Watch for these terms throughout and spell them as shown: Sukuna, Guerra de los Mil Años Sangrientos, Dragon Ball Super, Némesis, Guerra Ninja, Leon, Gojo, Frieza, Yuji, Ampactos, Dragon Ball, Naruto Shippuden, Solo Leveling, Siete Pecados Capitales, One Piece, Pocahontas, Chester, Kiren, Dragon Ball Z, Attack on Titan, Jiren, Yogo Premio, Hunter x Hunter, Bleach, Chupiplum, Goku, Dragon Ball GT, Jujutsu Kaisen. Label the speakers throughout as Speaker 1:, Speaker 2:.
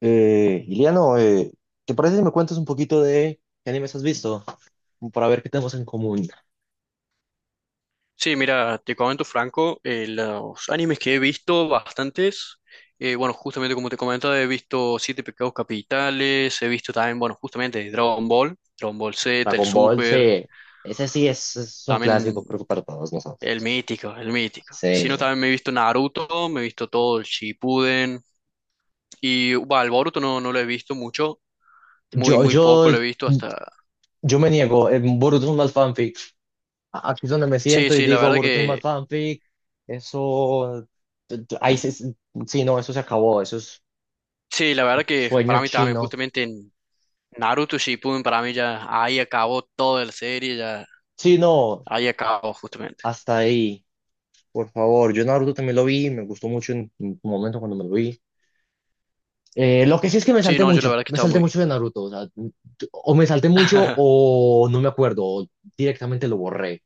Speaker 1: Iliano, ¿te parece si me cuentas un poquito de qué animes has visto? Como para ver qué tenemos en común.
Speaker 2: Sí, mira, te comento Franco, los animes que he visto, bastantes, bueno, justamente como te comentaba, he visto Siete Pecados Capitales, he visto también, bueno, justamente Dragon Ball, Dragon Ball Z, el
Speaker 1: Dragon Ball,
Speaker 2: Super,
Speaker 1: sí. Ese sí es un clásico,
Speaker 2: también
Speaker 1: creo que para todos
Speaker 2: el
Speaker 1: nosotros.
Speaker 2: mítico, el mítico. Si no,
Speaker 1: Sí.
Speaker 2: también me he visto Naruto, me he visto todo el Shippuden, y bueno, el Boruto no, no lo he visto mucho, muy,
Speaker 1: Yo,
Speaker 2: muy poco
Speaker 1: yo,
Speaker 2: lo he visto hasta...
Speaker 1: yo me niego. En Boruto es un mal fanfic. Aquí es donde me
Speaker 2: Sí,
Speaker 1: siento y
Speaker 2: sí, la
Speaker 1: digo,
Speaker 2: verdad
Speaker 1: Boruto es un mal
Speaker 2: que...
Speaker 1: fanfic. Eso. Ahí se, sí, no, eso se acabó. Eso es
Speaker 2: Sí, la verdad que
Speaker 1: sueño
Speaker 2: para mí también,
Speaker 1: chino.
Speaker 2: justamente Naruto Shippuden para mí ya ahí acabó toda la serie, ya
Speaker 1: Sí, no,
Speaker 2: ahí acabó justamente.
Speaker 1: hasta ahí. Por favor, yo Naruto también lo vi, me gustó mucho en un momento cuando me lo vi. Lo que sí es que
Speaker 2: Sí, no, yo la verdad que
Speaker 1: me
Speaker 2: estaba
Speaker 1: salté
Speaker 2: muy...
Speaker 1: mucho de Naruto, o sea, o me salté mucho o no me acuerdo, o directamente lo borré,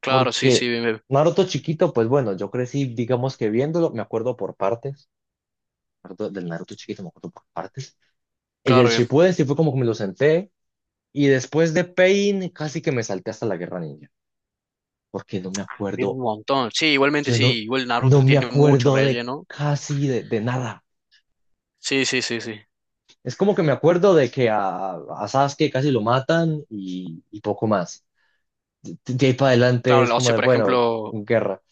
Speaker 2: Claro, sí,
Speaker 1: porque
Speaker 2: sí, bien, bien.
Speaker 1: Naruto chiquito, pues bueno, yo crecí, digamos que viéndolo, me acuerdo por partes, del Naruto chiquito me acuerdo por partes, y del
Speaker 2: Claro, bien.
Speaker 1: Shippuden sí fue como que me lo senté, y después de Pain casi que me salté hasta la Guerra Ninja, porque no me
Speaker 2: Ah, bien un
Speaker 1: acuerdo,
Speaker 2: montón. Sí, igualmente
Speaker 1: yo no,
Speaker 2: sí, igual
Speaker 1: no
Speaker 2: Naruto
Speaker 1: me
Speaker 2: tiene mucho
Speaker 1: acuerdo de
Speaker 2: relleno.
Speaker 1: casi de nada.
Speaker 2: Sí, sí, sí, sí.
Speaker 1: Es como que me acuerdo de que a Sasuke casi lo matan y poco más. De ahí para adelante es
Speaker 2: Claro, o
Speaker 1: como
Speaker 2: sea,
Speaker 1: de,
Speaker 2: por
Speaker 1: bueno,
Speaker 2: ejemplo,
Speaker 1: guerra.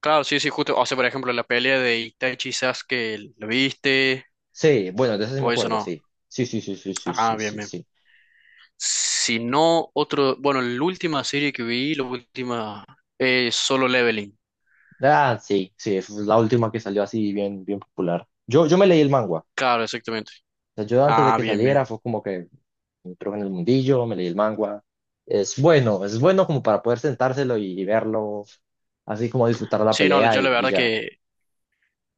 Speaker 2: claro, sí, sí, justo, o sea, por ejemplo, la pelea de Itachi y Sasuke, ¿lo viste?
Speaker 1: Sí, bueno, de eso sí me
Speaker 2: O eso
Speaker 1: acuerdo,
Speaker 2: no.
Speaker 1: sí. Sí, sí, sí, sí, sí,
Speaker 2: Ah,
Speaker 1: sí,
Speaker 2: bien,
Speaker 1: sí,
Speaker 2: bien.
Speaker 1: sí.
Speaker 2: Si no, otro, bueno, la última serie que vi, la última, es Solo Leveling.
Speaker 1: Ah, sí, sí, fue la última que salió así bien, bien popular. Yo me leí el manga. O
Speaker 2: Claro, exactamente.
Speaker 1: sea, yo antes de
Speaker 2: Ah,
Speaker 1: que
Speaker 2: bien, bien.
Speaker 1: saliera fue como que entró en el mundillo, me leí el manga. Es bueno como para poder sentárselo y verlo, así como disfrutar la
Speaker 2: Sí, no,
Speaker 1: pelea
Speaker 2: yo la
Speaker 1: y
Speaker 2: verdad
Speaker 1: ya.
Speaker 2: que,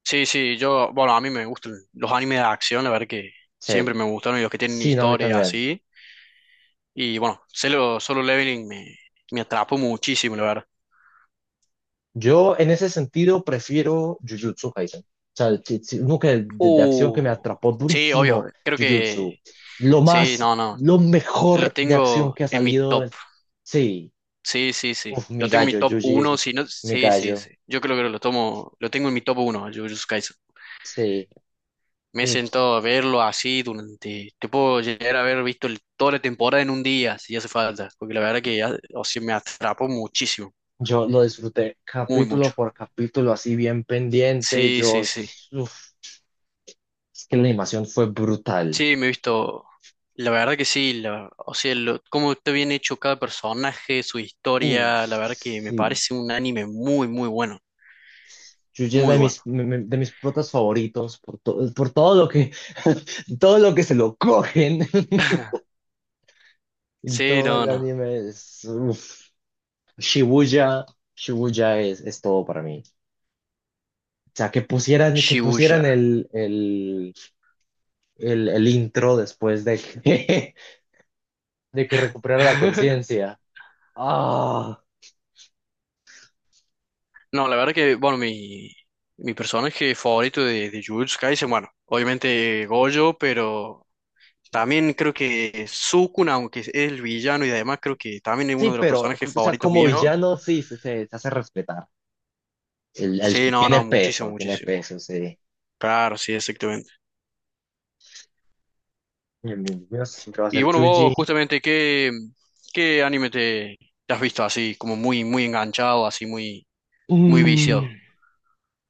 Speaker 2: sí, sí, yo, bueno, a mí me gustan los animes de acción, la verdad que
Speaker 1: Sí,
Speaker 2: siempre me gustaron y los que tienen
Speaker 1: sí, no, a mí
Speaker 2: historia
Speaker 1: también.
Speaker 2: así. Y bueno, Solo Leveling me atrapó muchísimo, la verdad.
Speaker 1: Yo en ese sentido prefiero Jujutsu Kaisen. O sea, uno que de acción que me
Speaker 2: Uh,
Speaker 1: atrapó
Speaker 2: sí, obvio,
Speaker 1: durísimo,
Speaker 2: creo que,
Speaker 1: Jujutsu. Lo
Speaker 2: sí,
Speaker 1: más,
Speaker 2: no, no,
Speaker 1: lo
Speaker 2: lo
Speaker 1: mejor de acción
Speaker 2: tengo
Speaker 1: que ha
Speaker 2: en mi
Speaker 1: salido.
Speaker 2: top,
Speaker 1: Sí,
Speaker 2: sí, sí, sí,
Speaker 1: uf, mi
Speaker 2: lo tengo en mi
Speaker 1: gallo,
Speaker 2: top
Speaker 1: Yuji es
Speaker 2: uno, si no,
Speaker 1: mi
Speaker 2: sí, sí, sí,
Speaker 1: gallo.
Speaker 2: yo creo que lo tomo, lo tengo en mi top uno, Jujutsu Kaisen.
Speaker 1: Sí,
Speaker 2: Me he
Speaker 1: uf,
Speaker 2: sentado a verlo así durante, te puedo llegar a haber visto el toda la temporada en un día, si hace falta, porque la verdad que ya o sea, me atrapó muchísimo,
Speaker 1: yo lo disfruté
Speaker 2: muy mucho.
Speaker 1: capítulo por capítulo, así bien pendiente.
Speaker 2: Sí,
Speaker 1: Yo,
Speaker 2: sí, sí.
Speaker 1: uf, es que la animación fue brutal.
Speaker 2: Sí, me he visto, la verdad que sí, la o sea, lo cómo está bien hecho cada personaje, su
Speaker 1: Uy,
Speaker 2: historia, la verdad que me
Speaker 1: sí.
Speaker 2: parece un anime muy, muy bueno,
Speaker 1: Yuya es
Speaker 2: muy
Speaker 1: de
Speaker 2: bueno.
Speaker 1: mis, de mis protas favoritos por, por todo lo que, todo lo que se lo cogen. En
Speaker 2: Sí,
Speaker 1: todo
Speaker 2: no,
Speaker 1: el
Speaker 2: no,
Speaker 1: anime es, uf. Shibuya, Shibuya es todo para mí. O sea, que
Speaker 2: Shibuya.
Speaker 1: pusieran el intro después de que, de que recuperara la conciencia. Ah,
Speaker 2: No, la verdad que, bueno, mi personaje favorito de Jujutsu Kaisen, bueno, obviamente Gojo, pero también creo que Sukuna, aunque es el villano y además creo que también es
Speaker 1: sí,
Speaker 2: uno de los
Speaker 1: pero,
Speaker 2: personajes
Speaker 1: o sea,
Speaker 2: favoritos
Speaker 1: como
Speaker 2: míos.
Speaker 1: villano, sí, se, se hace respetar.
Speaker 2: Sí, no, no, muchísimo,
Speaker 1: Tiene
Speaker 2: muchísimo.
Speaker 1: peso, sí.
Speaker 2: Claro, sí, exactamente.
Speaker 1: El de siempre va a
Speaker 2: Y
Speaker 1: ser
Speaker 2: bueno,
Speaker 1: Yuji.
Speaker 2: vos justamente, ¿qué, qué anime te, te has visto así, como muy, muy enganchado, así muy, muy
Speaker 1: Mm,
Speaker 2: viciado?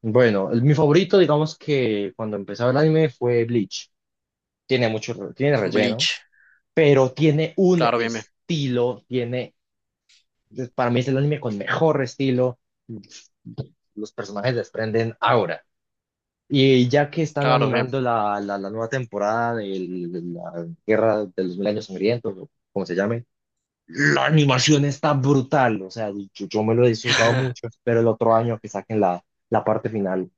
Speaker 1: Bueno, mi favorito, digamos que cuando empezaba el anime fue Bleach. Tiene mucho, tiene relleno,
Speaker 2: Bleach.
Speaker 1: pero tiene un
Speaker 2: Claro, bien, bien.
Speaker 1: estilo, tiene, para mí es el anime con mejor estilo. Los personajes desprenden ahora. Y ya que están
Speaker 2: Claro, bien.
Speaker 1: animando la nueva temporada de la Guerra de los Mil Años Sangrientos, o como se llame, la animación está brutal, o sea, yo me lo he disfrutado mucho, espero el otro año que saquen la, la parte final,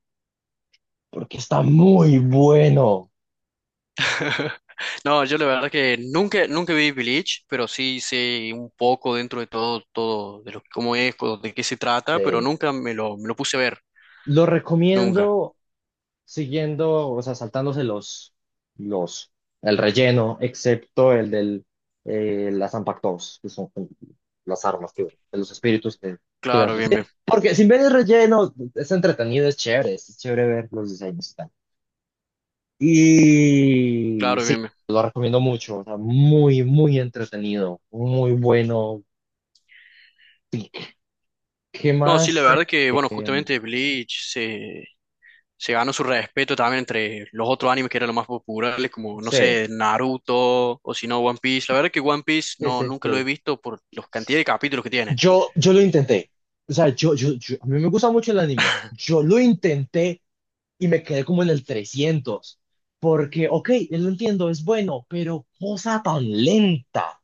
Speaker 1: porque está muy bueno.
Speaker 2: No, yo la verdad que nunca, nunca vi Bleach, pero sí sé un poco dentro de todo, todo, de lo, cómo es, co- de qué se trata, pero
Speaker 1: Sí.
Speaker 2: nunca me lo, me lo puse a ver,
Speaker 1: Lo
Speaker 2: nunca.
Speaker 1: recomiendo siguiendo, o sea, saltándose los, el relleno, excepto el del, las Ampactos, que son las armas que, de los espíritus que las
Speaker 2: Claro, bien, bien,
Speaker 1: reciben. Porque sin ver el relleno, es entretenido, es chévere ver los diseños. Y
Speaker 2: claro,
Speaker 1: sí,
Speaker 2: bien, bien.
Speaker 1: lo recomiendo mucho, o sea, muy, muy entretenido, muy bueno. ¿Qué
Speaker 2: No, sí, la
Speaker 1: más?
Speaker 2: verdad que, bueno,
Speaker 1: Eh,
Speaker 2: justamente se ganó su respeto también entre los otros animes que eran los más populares, como, no
Speaker 1: sí,
Speaker 2: sé, Naruto o si no, One Piece. La verdad que One Piece
Speaker 1: sí,
Speaker 2: no,
Speaker 1: sí,
Speaker 2: nunca lo he
Speaker 1: sí.
Speaker 2: visto por la cantidad de capítulos que tiene.
Speaker 1: Yo lo intenté. O sea, a mí me gusta mucho el anime. Yo lo intenté y me quedé como en el 300. Porque, ok, lo entiendo, es bueno, pero cosa tan lenta.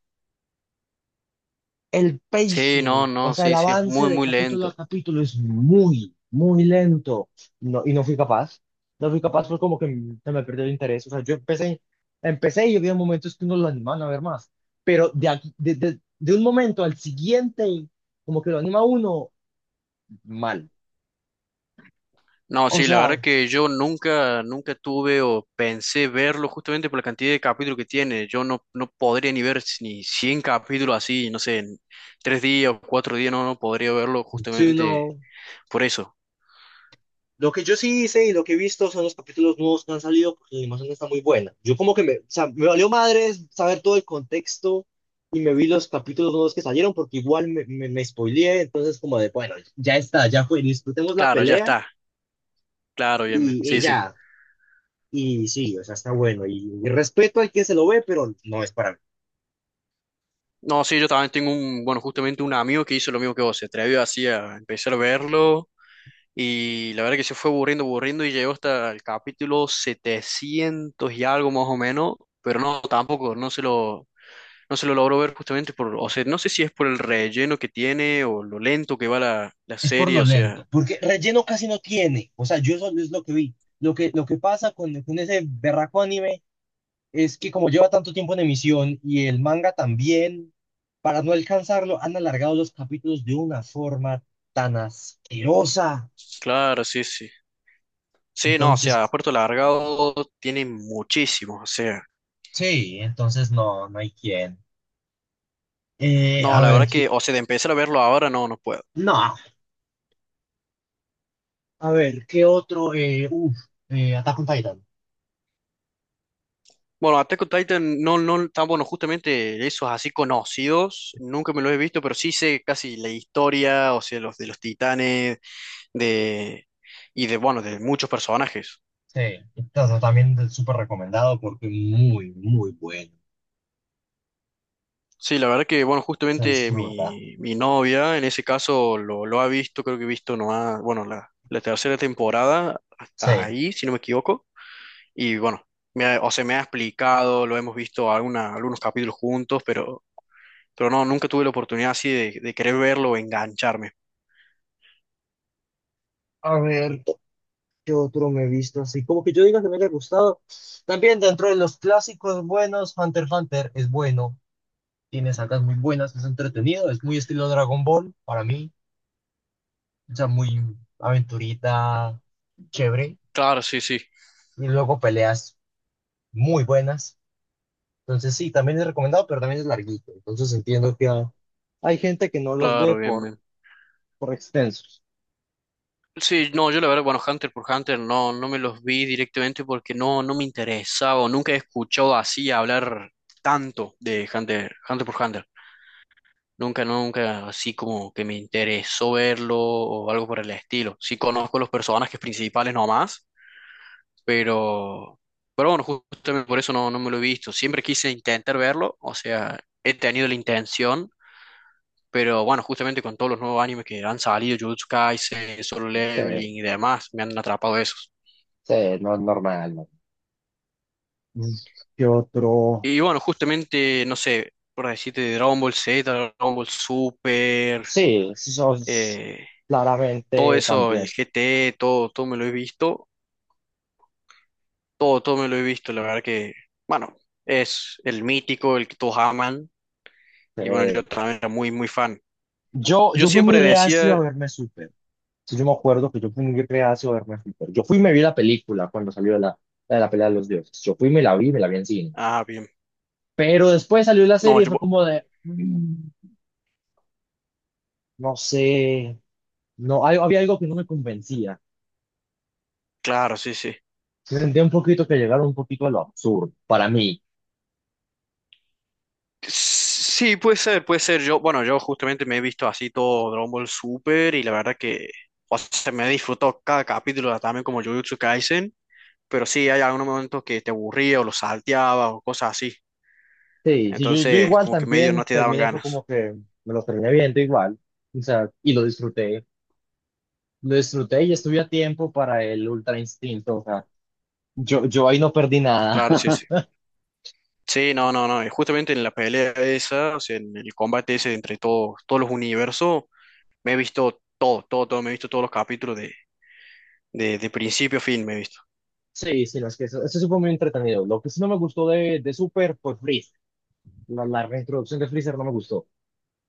Speaker 1: El
Speaker 2: Sí, no,
Speaker 1: pacing, o
Speaker 2: no,
Speaker 1: sea, el
Speaker 2: sí, sí, es
Speaker 1: avance
Speaker 2: muy,
Speaker 1: de
Speaker 2: muy
Speaker 1: capítulo a
Speaker 2: lento.
Speaker 1: capítulo es muy, muy lento. No, y no fui capaz. No fui capaz, fue como que se me perdió el interés. O sea, yo empecé, empecé y había momentos que uno lo animaban a ver más. Pero de, de, de un momento al siguiente, como que lo anima uno mal.
Speaker 2: No,
Speaker 1: O
Speaker 2: sí, la verdad
Speaker 1: sea,
Speaker 2: que yo nunca, nunca tuve o pensé verlo justamente por la cantidad de capítulos que tiene. Yo no, no podría ni ver si- ni 100 capítulos así, no sé, en tres días o cuatro días, no, no podría verlo
Speaker 1: sí,
Speaker 2: justamente
Speaker 1: no.
Speaker 2: por eso.
Speaker 1: Lo que yo sí hice y lo que he visto son los capítulos nuevos que han salido porque la animación está muy buena. Yo como que me, o sea, me valió madres saber todo el contexto y me vi los capítulos nuevos que salieron porque igual me, me spoileé, entonces como de, bueno, ya está, ya fue, disfrutemos la
Speaker 2: Claro, ya
Speaker 1: pelea
Speaker 2: está. Claro, bien, bien.
Speaker 1: y
Speaker 2: Sí, sí.
Speaker 1: ya. Y sí, o sea, está bueno. Y respeto al que se lo ve, pero no es para mí.
Speaker 2: No, sí, yo también tengo un, bueno, justamente un amigo que hizo lo mismo que vos, se atrevió así a empezar a verlo. Y la verdad que se fue aburriendo, aburriendo y llegó hasta el capítulo 700 y algo más o menos, pero no, tampoco, no se lo, no se lo logró ver justamente por, o sea, no sé si es por el relleno que tiene o lo lento que va la
Speaker 1: Es por
Speaker 2: serie,
Speaker 1: lo
Speaker 2: o sea,
Speaker 1: lento, porque relleno casi no tiene. O sea, yo eso es lo que vi. Lo que pasa con ese berraco anime es que como lleva tanto tiempo en emisión y el manga también, para no alcanzarlo, han alargado los capítulos de una forma tan asquerosa.
Speaker 2: claro, sí, sí. Sí, no, o
Speaker 1: Entonces,
Speaker 2: sea, Puerto Largado tiene muchísimos, o sea,
Speaker 1: sí, entonces no, no hay quien.
Speaker 2: no,
Speaker 1: A
Speaker 2: la
Speaker 1: ver,
Speaker 2: verdad
Speaker 1: ¿qué-
Speaker 2: que, o sea, de empezar a verlo ahora no, no puedo.
Speaker 1: no, a ver, ¿qué otro? Attack on Titan.
Speaker 2: Bueno, Attack on Titan no, no tan bueno, justamente esos así conocidos, nunca me los he visto, pero sí sé casi la historia, o sea, los de los titanes, de y de bueno, de muchos personajes.
Speaker 1: Sí, entonces también es súper recomendado porque muy, muy bueno.
Speaker 2: Sí, la verdad que bueno,
Speaker 1: Se
Speaker 2: justamente
Speaker 1: disfruta.
Speaker 2: mi novia en ese caso lo ha visto, creo que he visto nomás, bueno, la tercera temporada hasta
Speaker 1: Sí.
Speaker 2: ahí, si no me equivoco. Y bueno, me ha o sea, me ha explicado, lo hemos visto alguna, algunos capítulos juntos, pero no, nunca tuve la oportunidad así de querer verlo o engancharme.
Speaker 1: A ver. ¿Qué otro me he visto así? Como que yo diga que me haya gustado. También dentro de los clásicos buenos, Hunter x Hunter es bueno. Tiene sacas muy buenas, es entretenido, es muy estilo Dragon Ball para mí. O sea, muy aventurita, chévere.
Speaker 2: Claro, sí, sí,
Speaker 1: Y luego peleas muy buenas. Entonces sí, también es recomendado, pero también es larguito. Entonces entiendo que hay gente que no los ve
Speaker 2: claro, bien, bien.
Speaker 1: por extensos.
Speaker 2: Sí, no, yo la verdad, bueno, Hunter por Hunter no, no me los vi directamente porque no, no me interesaba o nunca he escuchado así hablar tanto de Hunter, Hunter por Hunter. Nunca, nunca, así como que me interesó verlo o algo por el estilo. Sí conozco los personajes principales nomás, pero, pero bueno, justamente por eso no, no me lo he visto. Siempre quise intentar verlo, o sea, he tenido la intención, pero bueno, justamente con todos los nuevos animes que han salido, Jujutsu Kaisen, Solo
Speaker 1: Sí,
Speaker 2: Leveling y demás, me han atrapado esos.
Speaker 1: sí, no es normal. ¿No? ¿Qué otro?
Speaker 2: Y bueno, justamente, no sé, por decirte, de Dragon Ball Z, Dragon Ball Super,
Speaker 1: Sí, eso es
Speaker 2: eh, todo
Speaker 1: claramente
Speaker 2: eso, el
Speaker 1: también.
Speaker 2: G T todo, todo me lo he visto, todo, todo me lo he visto, la verdad que, bueno, es el mítico, el que todos aman, y bueno,
Speaker 1: Eh,
Speaker 2: yo también era muy, muy fan.
Speaker 1: yo,
Speaker 2: Yo
Speaker 1: yo fui muy
Speaker 2: siempre
Speaker 1: reacio a
Speaker 2: decía,
Speaker 1: verme Super. Sí, yo me acuerdo que yo fui muy reacio a verme Super. Yo fui y me vi la película cuando salió la, la de la pelea de los dioses. Yo fui y me la vi en cine.
Speaker 2: ah, bien,
Speaker 1: Pero después salió la
Speaker 2: no,
Speaker 1: serie y
Speaker 2: yo,
Speaker 1: fue como de, no sé, no, había algo que no me convencía.
Speaker 2: claro, sí, sí.
Speaker 1: Se sentía un poquito que llegaron un poquito a lo absurdo para mí.
Speaker 2: Sí, puede ser, puede ser. Yo, bueno, yo justamente me he visto así todo Dragon Ball Super y la verdad que, o sea, me he disfrutado cada capítulo también como Jujutsu Kaisen, pero sí hay algunos momentos que te aburría o lo salteaba o cosas así.
Speaker 1: Sí, sí, yo
Speaker 2: Entonces,
Speaker 1: igual
Speaker 2: como que medio
Speaker 1: también
Speaker 2: no te daban
Speaker 1: terminé, fue
Speaker 2: ganas.
Speaker 1: como que me lo terminé viendo igual. O sea, y lo disfruté. Lo disfruté y estuve a tiempo para el Ultra Instinto. O sea, yo ahí no perdí nada.
Speaker 2: Claro, sí, sí. Sí, no, no, no. Y justamente en la pelea esa, o sea, en el combate ese entre todos, todos los universos, me he visto todo, todo, todo, me he visto todos los capítulos de principio a fin, me he visto.
Speaker 1: Sí, sí, no, es que eso sí fue muy entretenido. Lo que sí no me gustó de Super fue Freeze. La reintroducción de Freezer no me gustó.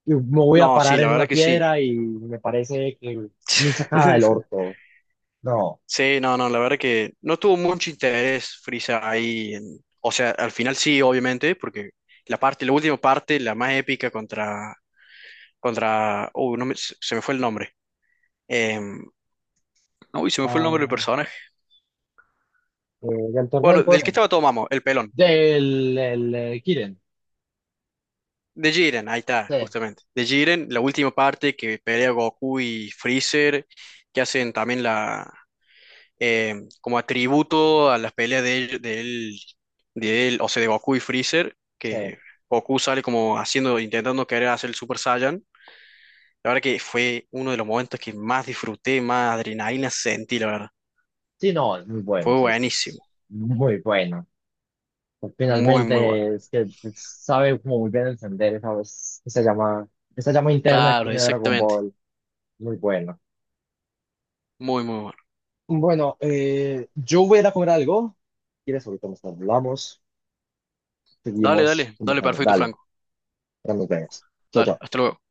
Speaker 1: Y me voy a
Speaker 2: No, sí,
Speaker 1: parar
Speaker 2: la
Speaker 1: en
Speaker 2: verdad
Speaker 1: una
Speaker 2: que sí.
Speaker 1: piedra y me parece que muy sacada del orto. No.
Speaker 2: Sí, no, no, la verdad que no tuvo mucho interés Frieza ahí. En- o sea, al final sí, obviamente, porque la parte, la última parte, la más épica contra, contra, uy, no me- se me fue el nombre. Em, uy, se me fue el nombre del
Speaker 1: Ah,
Speaker 2: personaje.
Speaker 1: del torneo del
Speaker 2: Bueno, del que
Speaker 1: poder.
Speaker 2: estaba todo mamo, el pelón.
Speaker 1: Kiren.
Speaker 2: De Jiren, ahí está,
Speaker 1: Sí,
Speaker 2: justamente. De Jiren, la última parte que pelea Goku y Freezer, que hacen también la eh, como atributo a las peleas de él, de él, de él, o sea, de Goku y Freezer,
Speaker 1: sí.
Speaker 2: que Goku sale como haciendo, intentando querer hacer el Super Saiyan. La verdad que fue uno de los momentos que más disfruté, más adrenalina sentí, la verdad.
Speaker 1: Sí, no, es muy bueno. O
Speaker 2: Fue
Speaker 1: sea, es
Speaker 2: buenísimo,
Speaker 1: muy bueno. Pues,
Speaker 2: muy, muy bueno.
Speaker 1: finalmente, es que sabe como muy bien encender esa, esa llama, esa llama interna que
Speaker 2: Claro,
Speaker 1: tiene Dragon
Speaker 2: exactamente,
Speaker 1: Ball. Muy bueno.
Speaker 2: muy, muy bueno.
Speaker 1: Bueno, yo voy a ir a comer algo. ¿Quieres? Ahorita nos hablamos.
Speaker 2: Dale,
Speaker 1: Seguimos
Speaker 2: dale, dale,
Speaker 1: conversando.
Speaker 2: perfecto,
Speaker 1: Dale,
Speaker 2: Franco.
Speaker 1: ya nos vemos. Chao,
Speaker 2: Dale,
Speaker 1: chao.
Speaker 2: hasta luego.